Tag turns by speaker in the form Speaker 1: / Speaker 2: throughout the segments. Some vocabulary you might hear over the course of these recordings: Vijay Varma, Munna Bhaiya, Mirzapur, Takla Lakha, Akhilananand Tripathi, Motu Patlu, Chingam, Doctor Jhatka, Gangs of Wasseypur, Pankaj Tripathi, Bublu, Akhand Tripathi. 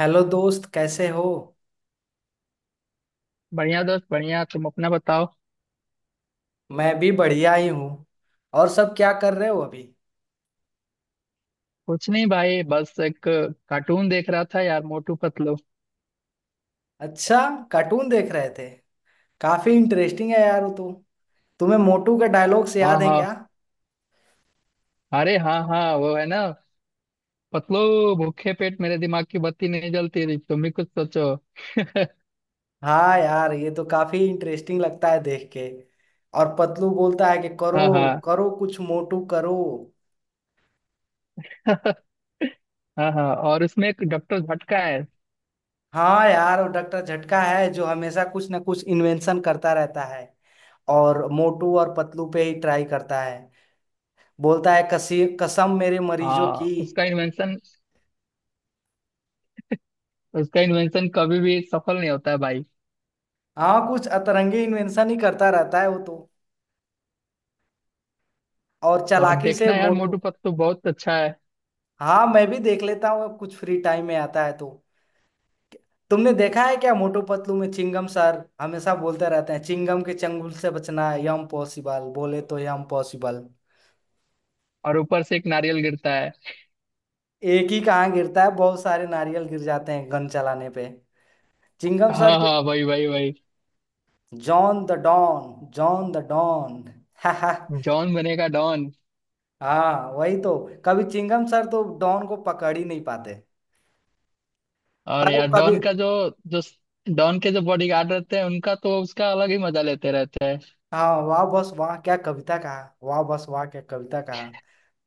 Speaker 1: Hello दोस्त, कैसे हो।
Speaker 2: बढ़िया दोस्त बढ़िया। तुम अपना बताओ।
Speaker 1: मैं भी बढ़िया ही हूँ। और सब क्या कर रहे हो अभी।
Speaker 2: कुछ नहीं भाई, बस एक कार्टून देख रहा था यार, मोटू पतलू।
Speaker 1: अच्छा, कार्टून देख रहे थे। काफी इंटरेस्टिंग है यार वो तो। तुम्हें मोटू के डायलॉग्स
Speaker 2: हाँ
Speaker 1: याद हैं
Speaker 2: हाँ।
Speaker 1: क्या।
Speaker 2: अरे हाँ हाँ, वो है ना, पतलू, भूखे पेट मेरे दिमाग की बत्ती नहीं जलती रही, तुम भी कुछ सोचो।
Speaker 1: हाँ यार, ये तो काफी इंटरेस्टिंग लगता है देख के। और पतलू बोलता है कि
Speaker 2: हाँ
Speaker 1: करो
Speaker 2: हाँ।
Speaker 1: करो कुछ मोटू करो।
Speaker 2: हाँ हाँ, और उसमें एक डॉक्टर भटका है।
Speaker 1: हाँ यार, वो डॉक्टर झटका है जो हमेशा कुछ ना कुछ इन्वेंशन करता रहता है। और मोटू और पतलू पे ही ट्राई करता है। बोलता है कसी कसम मेरे मरीजों की।
Speaker 2: हाँ, उसका इन्वेंशन, उसका इन्वेंशन कभी भी सफल नहीं होता है भाई।
Speaker 1: हाँ, कुछ अतरंगी इन्वेंशन ही करता रहता है वो तो। और
Speaker 2: और
Speaker 1: चालाकी से
Speaker 2: देखना यार, मोटू
Speaker 1: मोटू।
Speaker 2: पतलू बहुत अच्छा है।
Speaker 1: हाँ मैं भी देख लेता हूँ, कुछ फ्री टाइम में आता है तो। तुमने देखा है क्या, मोटू पतलू में चिंगम सर हमेशा बोलते रहते हैं चिंगम के चंगुल से बचना है यम पॉसिबल, बोले तो यम पॉसिबल।
Speaker 2: और ऊपर से एक नारियल गिरता है।
Speaker 1: एक ही कहाँ गिरता है, बहुत सारे नारियल गिर जाते हैं गन चलाने पे, चिंगम सर
Speaker 2: हाँ
Speaker 1: तो।
Speaker 2: हाँ, वही वही वही।
Speaker 1: John the Don, John the Don.
Speaker 2: John बनेगा डॉन।
Speaker 1: हाँ वही तो। कभी चिंगम सर तो डॉन को पकड़ ही नहीं पाते।
Speaker 2: और
Speaker 1: पर वो
Speaker 2: यार,
Speaker 1: कभी।
Speaker 2: डॉन का जो जो डॉन के जो बॉडीगार्ड रहते हैं उनका तो, उसका अलग ही मजा लेते रहते हैं।
Speaker 1: हाँ, वाह बस वाह क्या कविता कहा, वाह बस वाह क्या कविता कहा।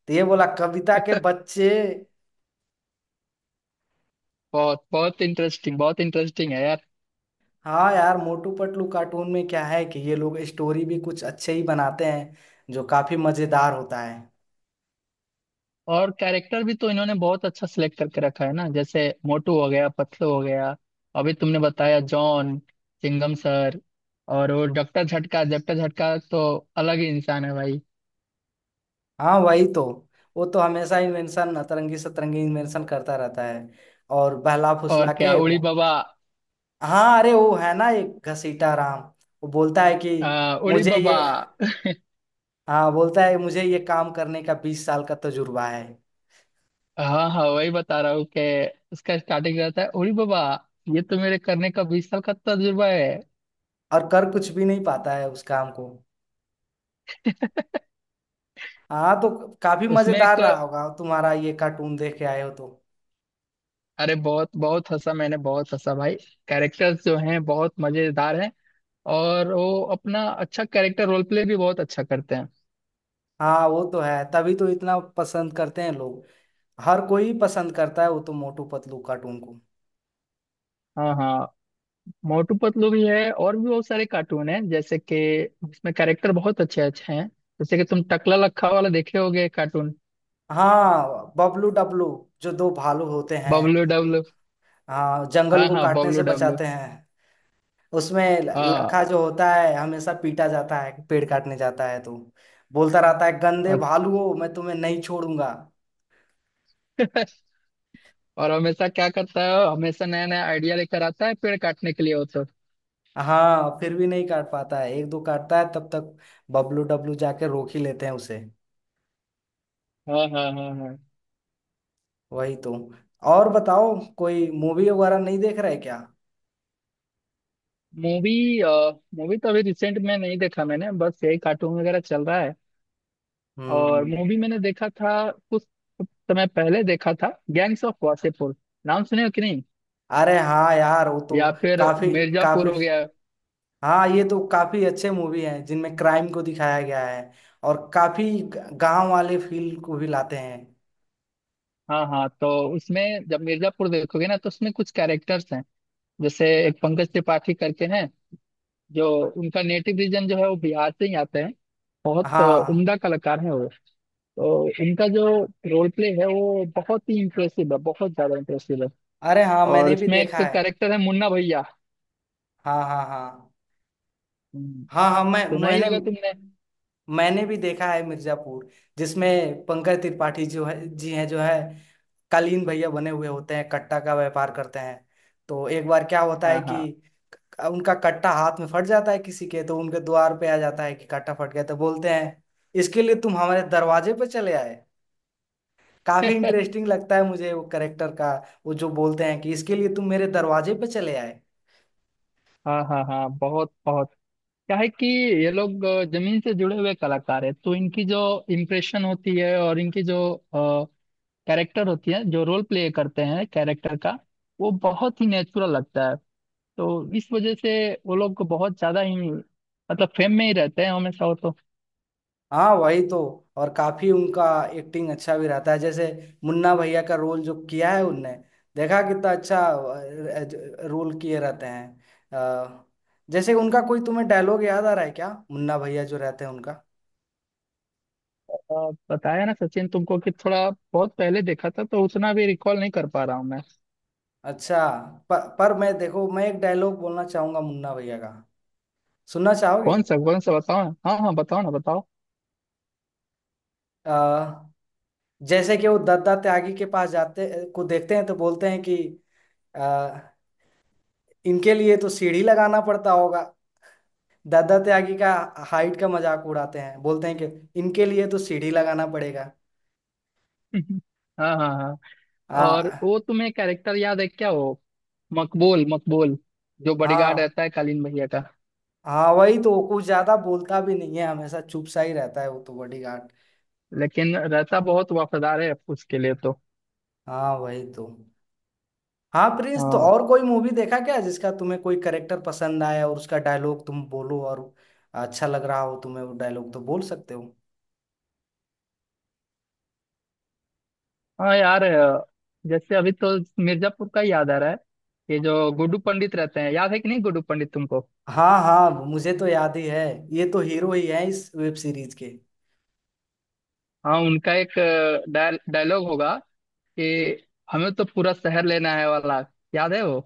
Speaker 1: तो ये बोला कविता के बच्चे।
Speaker 2: बहुत बहुत इंटरेस्टिंग, बहुत इंटरेस्टिंग है यार।
Speaker 1: हाँ यार, मोटू पतलू कार्टून में क्या है कि ये लोग स्टोरी भी कुछ अच्छे ही बनाते हैं जो काफी मजेदार होता है।
Speaker 2: और कैरेक्टर भी तो इन्होंने बहुत अच्छा सिलेक्ट करके रखा है ना, जैसे मोटू हो गया, पतलू हो गया। अभी तुमने बताया जॉन, चिंगम सर, और वो डॉक्टर झटका। डॉक्टर झटका तो अलग ही इंसान है भाई।
Speaker 1: हाँ वही तो। वो तो हमेशा इन्वेंशन, अतरंगी सतरंगी इन्वेंशन करता रहता है। और बहला
Speaker 2: और
Speaker 1: फुसला
Speaker 2: क्या
Speaker 1: के
Speaker 2: उड़ी बाबा।
Speaker 1: हाँ, अरे वो है ना एक घसीटा राम, वो बोलता है कि
Speaker 2: उड़ी
Speaker 1: मुझे ये।
Speaker 2: बाबा।
Speaker 1: हाँ, बोलता है मुझे ये काम करने का 20 साल का तजुर्बा है।
Speaker 2: हाँ हाँ, वही बता रहा हूँ कि उसका स्टार्टिंग रहता है, ओरी बाबा, ये तो मेरे करने का 20 साल का तजुर्बा है।
Speaker 1: और कर कुछ भी नहीं पाता है उस काम को। हाँ तो, काफी
Speaker 2: उसमें
Speaker 1: मजेदार
Speaker 2: एक,
Speaker 1: रहा होगा तुम्हारा, ये कार्टून देख के आए हो तो।
Speaker 2: अरे बहुत बहुत हंसा मैंने, बहुत हंसा भाई। कैरेक्टर्स जो हैं बहुत मजेदार हैं। और वो अपना अच्छा कैरेक्टर रोल प्ले भी बहुत अच्छा करते हैं।
Speaker 1: हाँ, वो तो है, तभी तो इतना पसंद करते हैं लोग। हर कोई पसंद करता है वो तो, मोटू पतलू कार्टून को।
Speaker 2: हाँ हाँ। मोटू पतलू भी है, और भी बहुत सारे कार्टून हैं, जैसे कि उसमें कैरेक्टर बहुत अच्छे अच्छे हैं, जैसे कि तुम टकला लखा वाला देखे होगे कार्टून।
Speaker 1: हाँ, बबलू डबलू, जो दो भालू होते हैं।
Speaker 2: बबलू डब्लू।
Speaker 1: हाँ, जंगल
Speaker 2: हाँ
Speaker 1: को
Speaker 2: हाँ,
Speaker 1: काटने
Speaker 2: बबलू
Speaker 1: से
Speaker 2: डब्लू।
Speaker 1: बचाते हैं। उसमें
Speaker 2: हाँ।
Speaker 1: लखा जो होता है हमेशा पीटा जाता है, पेड़ काटने जाता है तो बोलता रहता है गंदे
Speaker 2: और
Speaker 1: भालुओं मैं तुम्हें नहीं छोड़ूंगा।
Speaker 2: और हमेशा क्या करता है वो? हमेशा नया नया आइडिया लेकर आता है पेड़ काटने के लिए वो तो।
Speaker 1: हाँ, फिर भी नहीं काट पाता है, एक दो काटता है तब तक बबलू डब्लू जाके रोक ही लेते हैं उसे।
Speaker 2: हाँ हाँ हाँ हाँ।
Speaker 1: वही तो। और बताओ, कोई मूवी वगैरह नहीं देख रहे क्या।
Speaker 2: मूवी, मूवी तो अभी रिसेंट में नहीं देखा मैंने, बस यही कार्टून वगैरह चल रहा है। और
Speaker 1: हम्म।
Speaker 2: मूवी मैंने देखा था कुछ समय पहले, देखा था गैंग्स ऑफ वासेपुर। नाम सुने हो कि नहीं?
Speaker 1: अरे हाँ यार वो तो
Speaker 2: या फिर
Speaker 1: काफी
Speaker 2: मिर्जापुर
Speaker 1: काफी
Speaker 2: हो गया।
Speaker 1: हाँ, ये तो काफी अच्छे मूवी हैं जिनमें क्राइम को दिखाया गया है। और काफी गांव वाले फील को भी लाते हैं।
Speaker 2: हाँ हाँ, तो उसमें, जब मिर्जापुर देखोगे ना, तो उसमें कुछ कैरेक्टर्स हैं, जैसे एक पंकज त्रिपाठी करके हैं जो, उनका नेटिव रीजन जो है वो बिहार से ही आते हैं। बहुत
Speaker 1: हाँ।
Speaker 2: उम्दा कलाकार हैं वो। तो इनका जो रोल प्ले है वो बहुत ही इम्प्रेसिव है, बहुत ज्यादा इम्प्रेसिव है।
Speaker 1: अरे हाँ,
Speaker 2: और
Speaker 1: मैंने भी
Speaker 2: इसमें एक
Speaker 1: देखा है।
Speaker 2: कैरेक्टर है, मुन्ना भैया।
Speaker 1: हाँ हाँ हाँ
Speaker 2: हम्म,
Speaker 1: हाँ। हाँ मैं
Speaker 2: सुना ही
Speaker 1: मैंने
Speaker 2: होगा तुमने।
Speaker 1: मैंने भी देखा है मिर्जापुर। जिसमें पंकज त्रिपाठी जो है जी, हैं जो है कालीन भैया बने हुए होते हैं, कट्टा का व्यापार करते हैं। तो एक बार क्या होता
Speaker 2: हाँ
Speaker 1: है
Speaker 2: हाँ
Speaker 1: कि उनका कट्टा हाथ में फट जाता है किसी के, तो उनके द्वार पे आ जाता है कि कट्टा फट गया, तो बोलते हैं इसके लिए तुम हमारे दरवाजे पे चले आए। काफी इंटरेस्टिंग लगता है मुझे वो करेक्टर का। वो जो बोलते हैं कि इसके लिए तुम मेरे दरवाजे पे चले आए।
Speaker 2: हाँ हाँ हाँ, बहुत बहुत। क्या है कि ये लोग जमीन से जुड़े हुए कलाकार है तो इनकी जो इम्प्रेशन होती है, और इनकी जो कैरेक्टर होती है, जो रोल प्ले करते हैं कैरेक्टर का, वो बहुत ही नेचुरल लगता है। तो इस वजह से वो लोग बहुत ज्यादा ही, मतलब फेम में ही रहते हैं हमेशा वो तो।
Speaker 1: हाँ वही तो। और काफी उनका एक्टिंग अच्छा भी रहता है। जैसे मुन्ना भैया का रोल जो किया है उनने, देखा कितना अच्छा रोल किए रहते हैं। अ, जैसे उनका कोई तुम्हें डायलॉग याद आ रहा है क्या, मुन्ना भैया जो रहते हैं उनका।
Speaker 2: बताया ना सचिन तुमको कि थोड़ा बहुत पहले देखा था, तो उतना भी रिकॉल नहीं कर पा रहा हूँ मैं।
Speaker 1: अच्छा। पर मैं, देखो मैं एक डायलॉग बोलना चाहूंगा मुन्ना भैया का, सुनना चाहोगे।
Speaker 2: कौन सा बताओ ना, हाँ हाँ बताओ ना, बताओ।
Speaker 1: अ, जैसे कि वो दत्ता त्यागी के पास जाते को देखते हैं तो बोलते हैं कि अ, इनके लिए तो सीढ़ी लगाना पड़ता होगा। दादा त्यागी का हाइट का मजाक उड़ाते हैं, बोलते हैं कि इनके लिए तो सीढ़ी लगाना पड़ेगा।
Speaker 2: हाँ हाँ हाँ। और
Speaker 1: हाँ।
Speaker 2: वो तुम्हें कैरेक्टर याद है क्या, वो मकबूल, मकबूल, जो बॉडीगार्ड
Speaker 1: हाँ,
Speaker 2: रहता है कालीन भैया का?
Speaker 1: हाँ वही तो, वो कुछ ज्यादा बोलता भी नहीं है हमेशा चुप सा ही रहता है वो तो बॉडीगार्ड।
Speaker 2: लेकिन रहता बहुत वफादार है उसके लिए तो।
Speaker 1: हाँ वही तो। हाँ प्रिंस, तो
Speaker 2: हाँ।
Speaker 1: और कोई मूवी देखा क्या जिसका तुम्हें कोई करेक्टर पसंद आया, और उसका डायलॉग तुम बोलो और अच्छा लग रहा हो तुम्हें वो डायलॉग तो बोल सकते हो।
Speaker 2: हाँ यार, जैसे अभी तो मिर्जापुर का ही याद आ रहा है। ये जो गुड्डू पंडित रहते हैं, याद है कि नहीं गुड्डू पंडित तुमको?
Speaker 1: हाँ हाँ, मुझे तो याद ही है। ये तो हीरो ही है इस वेब सीरीज के।
Speaker 2: हाँ, उनका एक डायलॉग होगा कि, हमें तो पूरा शहर लेना है वाला, याद है वो?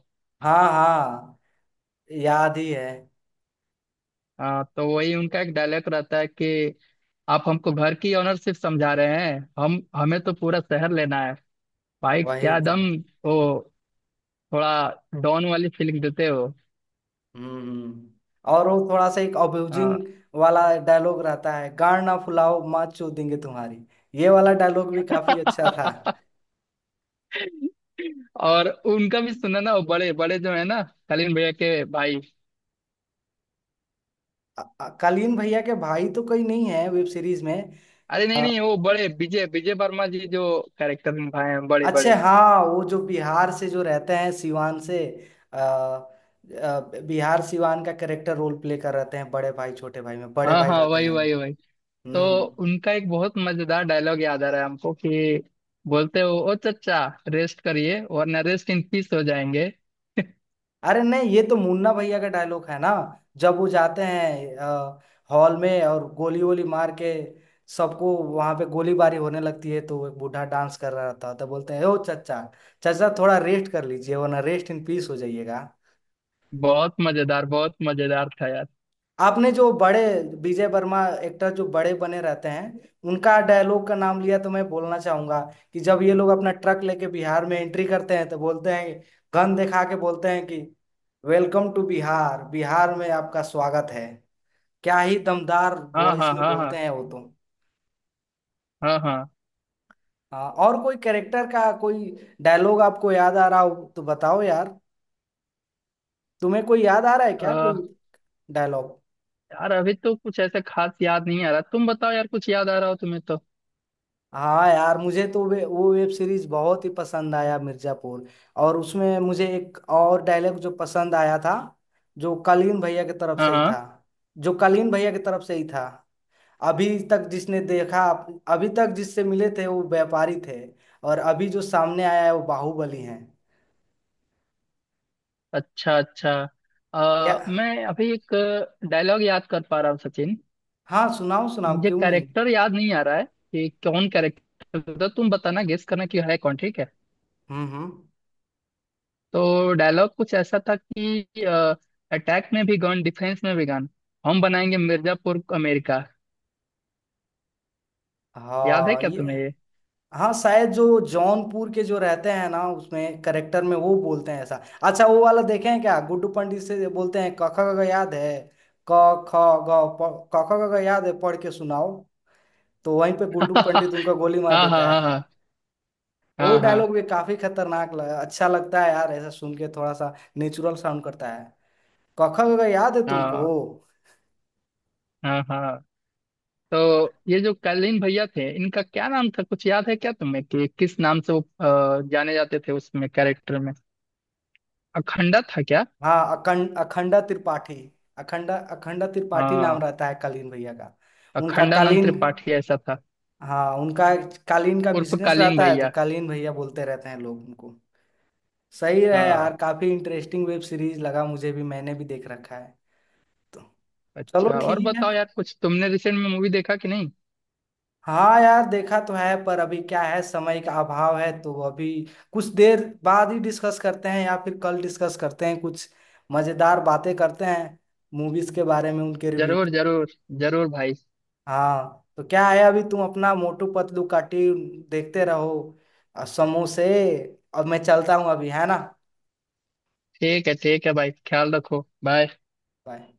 Speaker 1: हाँ हाँ, याद ही है।
Speaker 2: हाँ, तो वही उनका एक डायलॉग रहता है कि, आप हमको घर की ओनरशिप समझा रहे हैं, हम हमें तो पूरा शहर लेना है। भाई
Speaker 1: वही
Speaker 2: क्या
Speaker 1: तो।
Speaker 2: दम। वो थोड़ा डॉन वाली फीलिंग देते हो।
Speaker 1: हम्म। और वो थोड़ा सा एक अब्यूजिंग
Speaker 2: हाँ।
Speaker 1: वाला डायलॉग रहता है, गाड़ ना फुलाओ माँ चोद देंगे तुम्हारी। ये वाला डायलॉग भी काफी अच्छा था।
Speaker 2: और उनका भी सुना ना, वो बड़े बड़े जो है ना, कलीन भैया के भाई।
Speaker 1: कालीन भैया के भाई तो कोई नहीं है वेब सीरीज में।
Speaker 2: अरे नहीं
Speaker 1: अ,
Speaker 2: नहीं, वो बड़े, विजय विजय वर्मा जी जो कैरेक्टर निभाए हैं, बड़े
Speaker 1: अच्छे,
Speaker 2: बड़े।
Speaker 1: हाँ वो जो बिहार से जो रहते हैं सिवान से। बिहार सिवान का कैरेक्टर रोल प्ले कर रहते हैं, बड़े भाई छोटे भाई में बड़े
Speaker 2: हाँ
Speaker 1: भाई
Speaker 2: हाँ,
Speaker 1: रहते
Speaker 2: वही
Speaker 1: हैं।
Speaker 2: वही वही। तो
Speaker 1: हम्म।
Speaker 2: उनका एक बहुत मजेदार डायलॉग याद आ रहा है हमको कि, बोलते हो, ओ चचा रेस्ट करिए वरना रेस्ट इन पीस हो जाएंगे।
Speaker 1: अरे नहीं, ये तो मुन्ना भैया का डायलॉग है ना, जब वो जाते हैं हॉल में और गोली वोली मार के सबको, वहां पे गोलीबारी होने लगती है तो एक बूढ़ा डांस कर रहा था, तो बोलते हैं ओ चचा, चचा थोड़ा रेस्ट कर लीजिए वरना रेस्ट इन पीस हो जाइएगा।
Speaker 2: बहुत मजेदार, बहुत मजेदार था यार।
Speaker 1: आपने जो बड़े विजय वर्मा एक्टर जो बड़े बने रहते हैं, उनका डायलॉग का नाम लिया तो मैं बोलना चाहूंगा कि जब ये लोग अपना ट्रक लेके बिहार में एंट्री करते हैं तो बोलते हैं, गन दिखा के बोलते हैं कि वेलकम टू बिहार, बिहार में आपका स्वागत है। क्या ही दमदार
Speaker 2: हाँ
Speaker 1: वॉइस
Speaker 2: हाँ
Speaker 1: में
Speaker 2: हाँ हाँ।
Speaker 1: बोलते हैं वो तो।
Speaker 2: हाँ हाँ।
Speaker 1: हाँ, और कोई कैरेक्टर का कोई डायलॉग आपको याद आ रहा हो तो बताओ यार, तुम्हें कोई याद आ रहा है क्या
Speaker 2: अ,
Speaker 1: कोई डायलॉग।
Speaker 2: यार अभी तो कुछ ऐसा खास याद नहीं आ रहा, तुम बताओ यार कुछ याद आ रहा हो तुम्हें तो।
Speaker 1: हाँ यार, मुझे तो वे वो वेब सीरीज बहुत ही पसंद आया, मिर्जापुर। और उसमें मुझे एक और डायलॉग जो पसंद आया था, जो कालीन भैया की तरफ
Speaker 2: हाँ
Speaker 1: से ही था
Speaker 2: हाँ।
Speaker 1: जो कालीन भैया की तरफ से ही था। अभी तक जिसने देखा, अभी तक जिससे मिले थे वो व्यापारी थे, और अभी जो सामने आया है वो बाहुबली है।
Speaker 2: अच्छा अच्छा।
Speaker 1: या
Speaker 2: मैं अभी एक डायलॉग याद कर पा रहा हूँ सचिन।
Speaker 1: हाँ, सुनाओ सुनाओ
Speaker 2: मुझे
Speaker 1: क्यों नहीं।
Speaker 2: कैरेक्टर याद नहीं आ रहा है कि कौन कैरेक्टर था, तुम बताना, गेस करना कि है कौन, ठीक है?
Speaker 1: हम्म।
Speaker 2: तो डायलॉग कुछ ऐसा था कि, अटैक में भी गन, डिफेंस में भी गन, हम बनाएंगे मिर्जापुर को अमेरिका। याद है
Speaker 1: हाँ
Speaker 2: क्या
Speaker 1: ये।
Speaker 2: तुम्हें ये?
Speaker 1: हाँ, शायद जो जौनपुर के जो रहते हैं ना, उसमें करेक्टर में वो बोलते हैं ऐसा। अच्छा, वो वाला देखे हैं क्या, गुड्डू पंडित से बोलते हैं क ख ग घ याद है, क ख क ख ग घ याद है, पढ़ के सुनाओ। तो वहीं पे गुड्डू पंडित उनका गोली मार
Speaker 2: हाँ हाँ
Speaker 1: देता है।
Speaker 2: हाँ
Speaker 1: वो
Speaker 2: हाँ हाँ
Speaker 1: डायलॉग
Speaker 2: हाँ
Speaker 1: भी काफी खतरनाक लगा, अच्छा लगता है यार ऐसा सुन के, थोड़ा सा नेचुरल साउंड करता है। क ख ग घ याद है तुमको।
Speaker 2: हाँ हाँ हाँ। तो ये जो कालीन भैया थे, इनका क्या नाम था, कुछ याद है क्या तुम्हें कि किस नाम से वो जाने जाते थे उसमें कैरेक्टर में? अखंडा था क्या?
Speaker 1: हाँ। अखंडा त्रिपाठी, अखंडा अखंडा त्रिपाठी नाम
Speaker 2: हाँ,
Speaker 1: रहता है कालीन भैया का। उनका
Speaker 2: अखंडानंद
Speaker 1: कालीन
Speaker 2: त्रिपाठी ऐसा था,
Speaker 1: हाँ उनका कालीन का
Speaker 2: उर्फ
Speaker 1: बिजनेस
Speaker 2: कालीन
Speaker 1: रहता है तो
Speaker 2: भैया।
Speaker 1: कालीन भैया बोलते रहते हैं लोग उनको। सही है यार,
Speaker 2: हाँ।
Speaker 1: काफी इंटरेस्टिंग वेब सीरीज लगा, मुझे भी, मैंने भी देख रखा है तो। चलो
Speaker 2: अच्छा और
Speaker 1: ठीक है
Speaker 2: बताओ
Speaker 1: फिर।
Speaker 2: यार, कुछ तुमने रिसेंट में मूवी देखा कि नहीं?
Speaker 1: हाँ यार, देखा तो है पर अभी क्या है, समय का अभाव है तो अभी कुछ देर बाद ही डिस्कस करते हैं, या फिर कल डिस्कस करते हैं, कुछ मजेदार बातें करते हैं, मूवीज के बारे में उनके रिव्यू।
Speaker 2: जरूर जरूर, जरूर भाई।
Speaker 1: हाँ तो क्या है, अभी तुम अपना मोटू पतलू काटी देखते रहो, और समोसे। अब मैं चलता हूँ अभी, है ना।
Speaker 2: ठीक है भाई, ख्याल रखो, बाय।
Speaker 1: बाय।